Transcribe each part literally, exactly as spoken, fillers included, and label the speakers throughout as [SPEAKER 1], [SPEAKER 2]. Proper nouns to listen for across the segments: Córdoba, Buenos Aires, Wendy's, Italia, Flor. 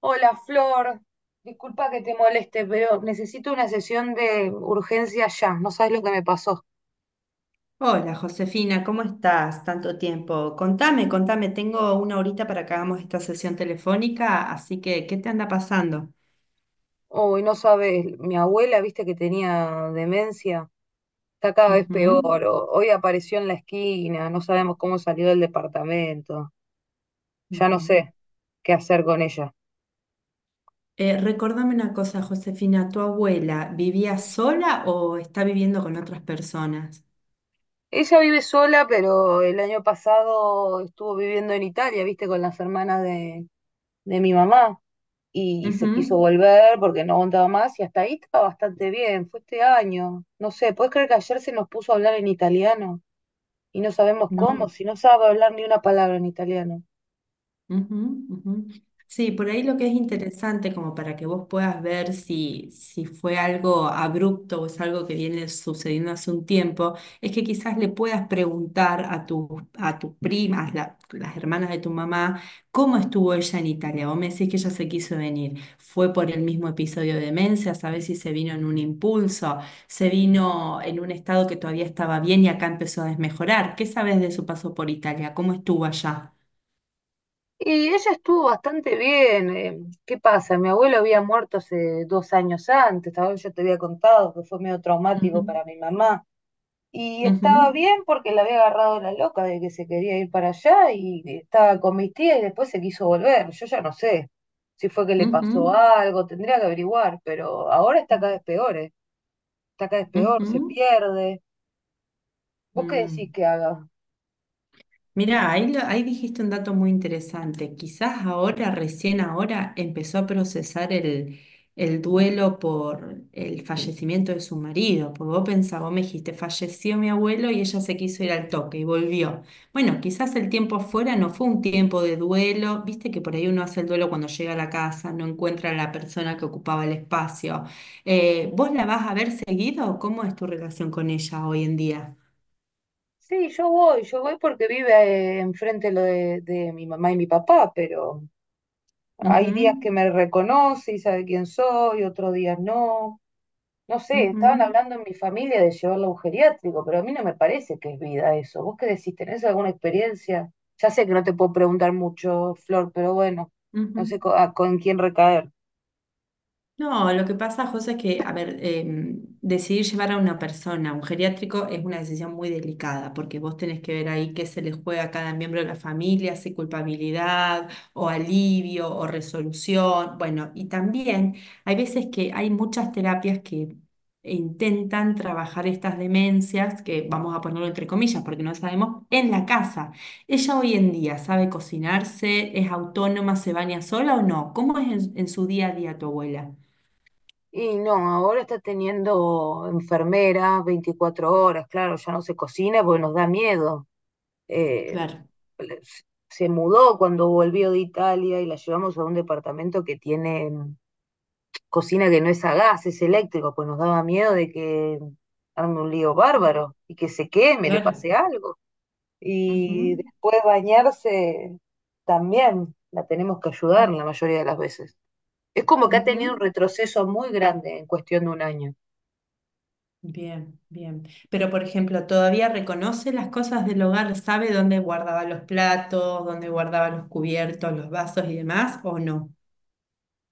[SPEAKER 1] Hola Flor, disculpa que te moleste, pero necesito una sesión de urgencia ya. No sabes lo que me pasó.
[SPEAKER 2] Hola Josefina, ¿cómo estás? Tanto tiempo. Contame, contame, tengo una horita para que hagamos esta sesión telefónica, así que, ¿qué te anda pasando?
[SPEAKER 1] Hoy no sabes, mi abuela, viste que tenía demencia, está cada vez
[SPEAKER 2] Ujú,
[SPEAKER 1] peor. o- Hoy apareció en la esquina, no sabemos cómo salió del departamento. Ya no
[SPEAKER 2] ujú.
[SPEAKER 1] sé qué hacer con ella.
[SPEAKER 2] Eh, recordame una cosa, Josefina, ¿tu abuela vivía sola o está viviendo con otras personas?
[SPEAKER 1] Ella vive sola, pero el año pasado estuvo viviendo en Italia, viste, con las hermanas de, de mi mamá. Y se quiso
[SPEAKER 2] Ujú,
[SPEAKER 1] volver porque no aguantaba más y hasta ahí estaba bastante bien, fue este año. No sé, ¿puedes creer que ayer se nos puso a hablar en italiano y no sabemos cómo,
[SPEAKER 2] no.
[SPEAKER 1] si no sabe hablar ni una palabra en italiano?
[SPEAKER 2] Ujú, ujú. Sí, por ahí lo que es interesante, como para que vos puedas ver si, si fue algo abrupto o es algo que viene sucediendo hace un tiempo, es que quizás le puedas preguntar a tu, a tus primas, la- las hermanas de tu mamá, cómo estuvo ella en Italia. Vos me decís que ella se quiso venir. ¿Fue por el mismo episodio de demencia? ¿Sabés si se vino en un impulso? ¿Se vino en un estado que todavía estaba bien y acá empezó a desmejorar? ¿Qué sabes de su paso por Italia? ¿Cómo estuvo allá?
[SPEAKER 1] Y ella estuvo bastante bien. eh, ¿Qué pasa? Mi abuelo había muerto hace dos años antes, tal vez yo te había contado que fue medio traumático para mi mamá. Y estaba
[SPEAKER 2] Ujú,
[SPEAKER 1] bien porque la había agarrado la loca de que se quería ir para allá y estaba con mis tías y después se quiso volver. Yo ya no sé si fue que le
[SPEAKER 2] ujú,
[SPEAKER 1] pasó algo, tendría que averiguar, pero ahora está cada vez peor, ¿eh? Está cada vez peor, se
[SPEAKER 2] ujú,
[SPEAKER 1] pierde. ¿Vos qué decís
[SPEAKER 2] mm.
[SPEAKER 1] que haga?
[SPEAKER 2] Mirá, ahí, lo- ahí dijiste un dato muy interesante. Quizás ahora, recién ahora, empezó a procesar el, el duelo por el fallecimiento de su marido. Porque vos pensás, vos me dijiste, falleció mi abuelo y ella se quiso ir al toque y volvió. Bueno, quizás el tiempo afuera no fue un tiempo de duelo. Viste que por ahí uno hace el duelo cuando llega a la casa, no encuentra a la persona que ocupaba el espacio. Eh, ¿vos la vas a ver seguido? ¿Cómo es tu relación con ella hoy en día?
[SPEAKER 1] Sí, yo voy, yo voy porque vive eh, enfrente lo de, de mi mamá y mi papá, pero hay días que me reconoce y sabe quién soy, otros días no. No sé,
[SPEAKER 2] Ujú, ujú,
[SPEAKER 1] estaban hablando en mi familia de llevarlo a un geriátrico, pero a mí no me parece que es vida eso. ¿Vos qué decís? ¿Tenés alguna experiencia? Ya sé que no te puedo preguntar mucho, Flor, pero bueno,
[SPEAKER 2] ujú.
[SPEAKER 1] no sé co- a- con quién recaer.
[SPEAKER 2] No, lo que pasa, José, es que, a ver, eh, decidir llevar a una persona a un geriátrico es una decisión muy delicada, porque vos tenés que ver ahí qué se le juega a cada miembro de la familia, si culpabilidad o alivio o resolución. Bueno, y también hay veces que hay muchas terapias que intentan trabajar estas demencias, que vamos a ponerlo entre comillas, porque no sabemos, en la casa. ¿Ella hoy en día sabe cocinarse, es autónoma, se baña sola o no? ¿Cómo es en en su día a día tu abuela?
[SPEAKER 1] Y no, ahora está teniendo enfermera veinticuatro horas, claro, ya no se cocina porque nos da miedo. Eh,
[SPEAKER 2] Claro,
[SPEAKER 1] le- Se mudó cuando volvió de Italia y la llevamos a un departamento que tiene cocina que no es a gas, es eléctrico, pues nos daba miedo de que arme un lío bárbaro y que se queme, le
[SPEAKER 2] claro.
[SPEAKER 1] pase algo. Y
[SPEAKER 2] Ujú,
[SPEAKER 1] después bañarse también la tenemos que ayudar la mayoría de las veces. Es como que ha tenido un
[SPEAKER 2] ujú.
[SPEAKER 1] retroceso muy grande en cuestión de un año.
[SPEAKER 2] Bien, bien. Pero, por ejemplo, todavía reconoce las cosas del hogar, sabe dónde guardaba los platos, dónde guardaba los cubiertos, los vasos y demás, ¿o no?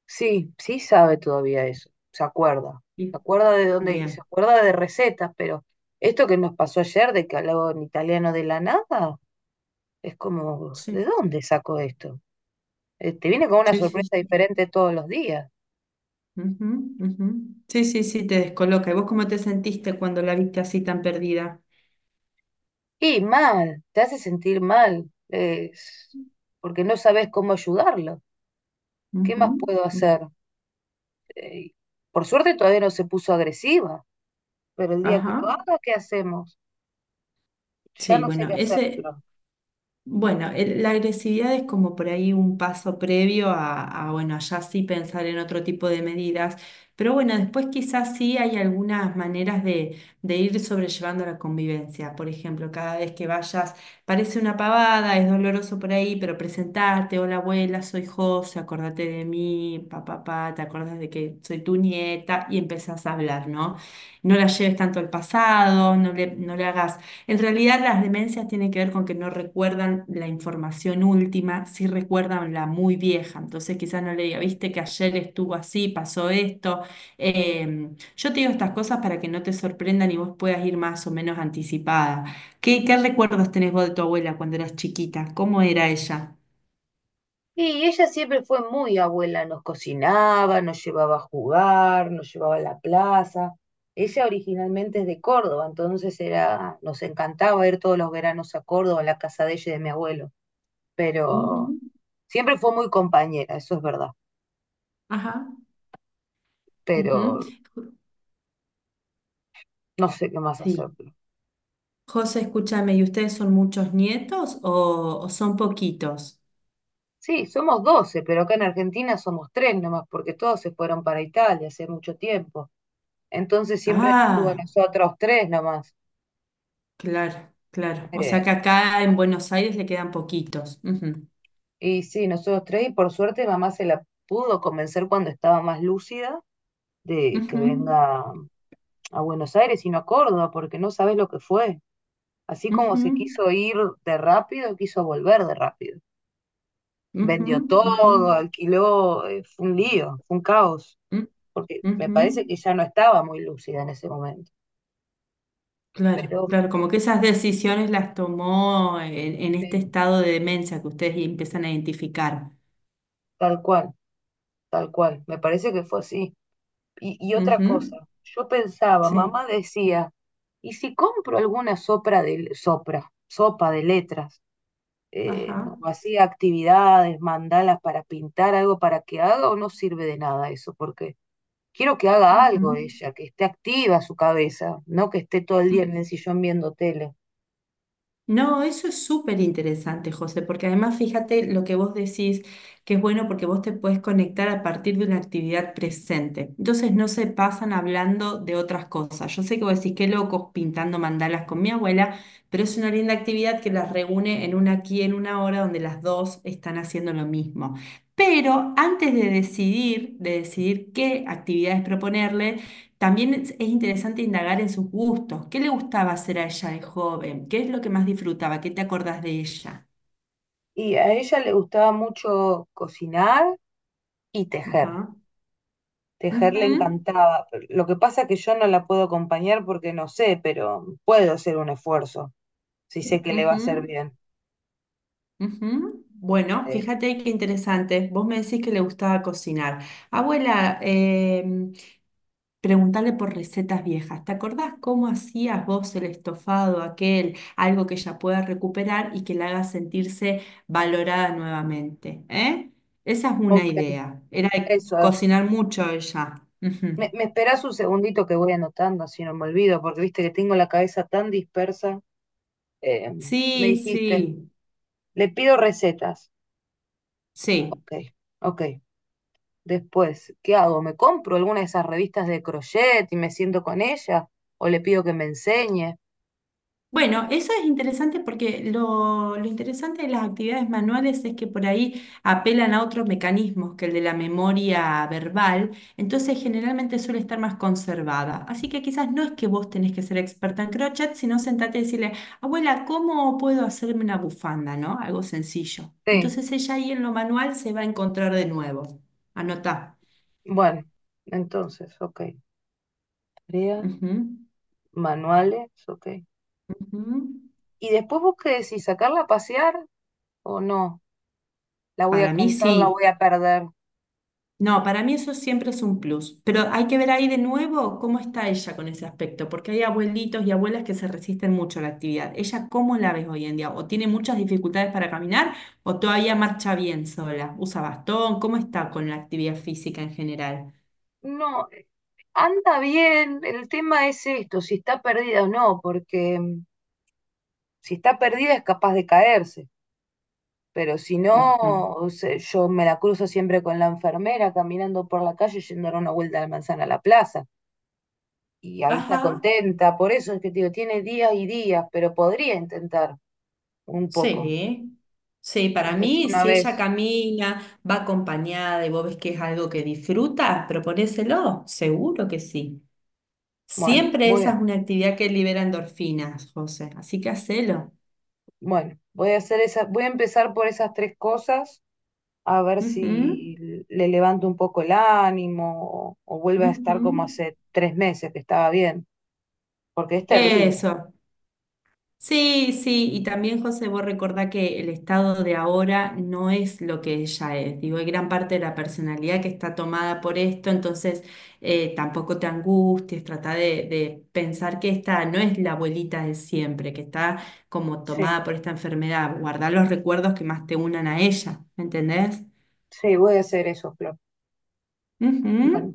[SPEAKER 1] Sí, sí sabe todavía eso, se acuerda, se
[SPEAKER 2] Sí.
[SPEAKER 1] acuerda de dónde y se
[SPEAKER 2] Bien.
[SPEAKER 1] acuerda de recetas, pero esto que nos pasó ayer de que hablaba en italiano de la nada, es como,
[SPEAKER 2] Sí,
[SPEAKER 1] ¿de dónde sacó esto? Eh, te viene con una
[SPEAKER 2] sí,
[SPEAKER 1] sorpresa
[SPEAKER 2] sí. Sí,
[SPEAKER 1] diferente todos los días.
[SPEAKER 2] ujú, ujú. Sí, sí, sí, te descoloca. ¿Y vos cómo te sentiste cuando la viste así tan perdida?
[SPEAKER 1] Y mal, te hace sentir mal, es porque no sabes cómo ayudarlo. ¿Qué
[SPEAKER 2] Ujú,
[SPEAKER 1] más puedo
[SPEAKER 2] ujú.
[SPEAKER 1] hacer? Eh, por suerte todavía no se puso agresiva, pero el día que lo
[SPEAKER 2] Ajá.
[SPEAKER 1] haga, ¿qué hacemos? Ya
[SPEAKER 2] Sí,
[SPEAKER 1] no sé
[SPEAKER 2] bueno,
[SPEAKER 1] qué
[SPEAKER 2] ese...
[SPEAKER 1] hacerlo.
[SPEAKER 2] Bueno, el- la agresividad es como por ahí un paso previo a, a, bueno, ya sí pensar en otro tipo de medidas, pero bueno, después quizás sí hay algunas maneras de, de ir sobrellevando la convivencia. Por ejemplo, cada vez que vayas, parece una pavada, es doloroso por ahí, pero presentarte, hola abuela, soy José, acordate de mí, papá, papá, te acordás de que soy tu nieta y empezás a hablar, ¿no? No la lleves tanto al pasado, no le, no le hagas en realidad las demencias tienen que ver con que no recuerdan la información última, sí recuerdan la muy vieja. Entonces quizás no le diga, viste que ayer estuvo así, pasó esto. Eh, yo te digo estas cosas para que no te sorprendan y vos puedas ir más o menos anticipada. ¿Qué, qué recuerdos tenés vos de tu abuela cuando eras chiquita? ¿Cómo era ella?
[SPEAKER 1] Y ella siempre fue muy abuela, nos cocinaba, nos llevaba a jugar, nos llevaba a la plaza. Ella originalmente es de Córdoba, entonces era, nos encantaba ir todos los veranos a Córdoba, a la casa de ella y de mi abuelo, pero
[SPEAKER 2] Ujú,
[SPEAKER 1] siempre fue muy compañera, eso es verdad,
[SPEAKER 2] ajá, ujú.
[SPEAKER 1] pero
[SPEAKER 2] Ju-
[SPEAKER 1] no sé qué más
[SPEAKER 2] Sí.
[SPEAKER 1] hacerlo.
[SPEAKER 2] José, escúchame, ¿y ustedes son muchos nietos o, o son poquitos?
[SPEAKER 1] Sí, somos doce pero acá en Argentina somos tres nomás, porque todos se fueron para Italia hace mucho tiempo. Entonces siempre estuvo
[SPEAKER 2] Ah.
[SPEAKER 1] nosotros tres nomás.
[SPEAKER 2] Claro, claro. O sea
[SPEAKER 1] Eh,
[SPEAKER 2] que acá en Buenos Aires le quedan poquitos. Ujú,
[SPEAKER 1] y sí, nosotros tres, y por suerte mamá se la pudo convencer cuando estaba más lúcida de que
[SPEAKER 2] ujú,
[SPEAKER 1] venga a Buenos Aires y no a Córdoba, porque no sabes lo que fue. Así como se
[SPEAKER 2] ujú,
[SPEAKER 1] quiso ir de rápido, quiso volver de rápido.
[SPEAKER 2] ujú,
[SPEAKER 1] Vendió
[SPEAKER 2] ujú,
[SPEAKER 1] todo, alquiló, eh, fue un lío, fue un caos,
[SPEAKER 2] u-
[SPEAKER 1] porque me
[SPEAKER 2] ujú.
[SPEAKER 1] parece que ya no estaba muy lúcida en ese momento,
[SPEAKER 2] Claro,
[SPEAKER 1] pero
[SPEAKER 2] claro, como que esas decisiones las tomó en, en este
[SPEAKER 1] sí.
[SPEAKER 2] estado de demencia que ustedes empiezan a identificar.
[SPEAKER 1] Tal cual, tal cual, me parece que fue así. Y, y otra cosa,
[SPEAKER 2] Ujú,
[SPEAKER 1] yo pensaba,
[SPEAKER 2] sí,
[SPEAKER 1] mamá decía, ¿y si compro alguna sopra de, sopra, sopa de letras? Eh, no,
[SPEAKER 2] ajá,
[SPEAKER 1] hacía actividades, mandalas para pintar algo para que haga o no sirve de nada eso, porque quiero que haga algo ella, que esté activa su cabeza, no que esté todo el
[SPEAKER 2] ujú.
[SPEAKER 1] día en el sillón viendo tele.
[SPEAKER 2] No, eso es súper interesante, José, porque además fíjate lo que vos decís, que es bueno porque vos te puedes conectar a partir de una actividad presente. Entonces no se pasan hablando de otras cosas. Yo sé que vos decís qué locos pintando mandalas con mi abuela, pero es una linda actividad que las reúne en una aquí en una hora donde las dos están haciendo lo mismo. Pero antes de decidir, de decidir, qué actividades proponerles, también es es interesante indagar en sus gustos. ¿Qué le gustaba hacer a ella de joven? ¿Qué es lo que más disfrutaba? ¿Qué te acordás de ella?
[SPEAKER 1] Y a ella le gustaba mucho cocinar y tejer.
[SPEAKER 2] Ajá.
[SPEAKER 1] Tejer le
[SPEAKER 2] Ujú,
[SPEAKER 1] encantaba. Lo que pasa es que yo no la puedo acompañar porque no sé, pero puedo hacer un esfuerzo si sé que le va a hacer
[SPEAKER 2] ujú,
[SPEAKER 1] bien.
[SPEAKER 2] ujú. Bueno,
[SPEAKER 1] Eh,
[SPEAKER 2] fíjate qué interesante. Vos me decís que le gustaba cocinar. Abuela, preguntarle por recetas viejas. ¿Te acordás cómo hacías vos el estofado aquel? Algo que ella pueda recuperar y que la haga sentirse valorada nuevamente. ¿Eh? Esa es una
[SPEAKER 1] ok,
[SPEAKER 2] idea. Era de
[SPEAKER 1] eso.
[SPEAKER 2] cocinar mucho ella. Ujú.
[SPEAKER 1] Me, me esperás un segundito que voy anotando, así no me olvido, porque viste que tengo la cabeza tan dispersa. Eh, Me
[SPEAKER 2] Sí,
[SPEAKER 1] dijiste,
[SPEAKER 2] sí,
[SPEAKER 1] le pido recetas.
[SPEAKER 2] sí.
[SPEAKER 1] Ok, ok. Después, ¿qué hago? ¿Me compro alguna de esas revistas de crochet y me siento con ella? ¿O le pido que me enseñe?
[SPEAKER 2] Bueno, eso es interesante porque lo, lo interesante de las actividades manuales es que por ahí apelan a otros mecanismos que el de la memoria verbal, entonces generalmente suele estar más conservada. Así que quizás no es que vos tenés que ser experta en crochet, sino sentate y decirle, abuela, ¿cómo puedo hacerme una bufanda? ¿No? Algo sencillo.
[SPEAKER 1] Sí,
[SPEAKER 2] Entonces ella ahí en lo manual se va a encontrar de nuevo. Anotá.
[SPEAKER 1] bueno, entonces, ok. Tarea,
[SPEAKER 2] Ujú,
[SPEAKER 1] manuales, ok.
[SPEAKER 2] ujú.
[SPEAKER 1] Y después vos qué decís, ¿sacarla a pasear o no? La voy a
[SPEAKER 2] Para mí
[SPEAKER 1] cansar, la
[SPEAKER 2] sí.
[SPEAKER 1] voy a perder.
[SPEAKER 2] No, para mí eso siempre es un plus, pero hay que ver ahí de nuevo cómo está ella con ese aspecto, porque hay abuelitos y abuelas que se resisten mucho a la actividad. ¿Ella cómo la ves hoy en día? ¿O tiene muchas dificultades para caminar o todavía marcha bien sola? ¿Usa bastón? ¿Cómo está con la actividad física en general?
[SPEAKER 1] No, anda bien. El tema es esto, si está perdida o no, porque mm, si está perdida es capaz de caerse. Pero si no,
[SPEAKER 2] Ujú.
[SPEAKER 1] o sea, yo me la cruzo siempre con la enfermera caminando por la calle yendo a dar una vuelta a la manzana a la plaza. Y ahí está
[SPEAKER 2] Ajá,
[SPEAKER 1] contenta. Por eso es que te digo, tiene días y días, pero podría intentar un poco,
[SPEAKER 2] sí. Sí, para
[SPEAKER 1] aunque sea
[SPEAKER 2] mí,
[SPEAKER 1] una
[SPEAKER 2] si ella
[SPEAKER 1] vez.
[SPEAKER 2] camina, va acompañada y vos ves que es algo que disfruta, proponéselo, seguro que sí.
[SPEAKER 1] Bueno,
[SPEAKER 2] Siempre
[SPEAKER 1] voy
[SPEAKER 2] esa es
[SPEAKER 1] a,
[SPEAKER 2] una actividad que libera endorfinas, José, así que hacelo.
[SPEAKER 1] bueno, voy a hacer esa, voy a empezar por esas tres cosas, a ver
[SPEAKER 2] Ujú,
[SPEAKER 1] si le levanto un poco el ánimo o, o vuelve a estar
[SPEAKER 2] ujú.
[SPEAKER 1] como hace tres meses que estaba bien, porque es terrible.
[SPEAKER 2] Eso. Sí, sí, y también José, vos recordá que el estado de ahora no es lo que ella es. Digo, hay gran parte de la personalidad que está tomada por esto, entonces eh, tampoco te angusties, trata de, de pensar que esta no es la abuelita de siempre, que está como
[SPEAKER 1] Sí,
[SPEAKER 2] tomada por esta enfermedad. Guardá los recuerdos que más te unan a ella, ¿me entendés?
[SPEAKER 1] sí, voy a hacer eso, Flor.
[SPEAKER 2] Ujú.
[SPEAKER 1] Bueno.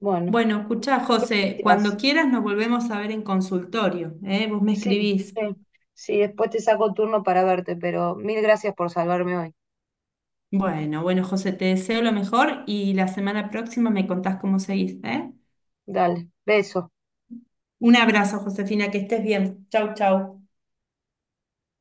[SPEAKER 1] Bueno,
[SPEAKER 2] Bueno, escuchá, José, cuando
[SPEAKER 1] gracias.
[SPEAKER 2] quieras nos volvemos a ver en consultorio, ¿eh? Vos me
[SPEAKER 1] Sí,
[SPEAKER 2] escribís.
[SPEAKER 1] sí, sí, después te saco turno para verte, pero mil gracias por salvarme hoy.
[SPEAKER 2] Bueno, bueno, José, te deseo lo mejor y la semana próxima me contás cómo seguís, ¿eh?
[SPEAKER 1] Dale, beso.
[SPEAKER 2] Un abrazo, Josefina, que estés bien. Chau, chau.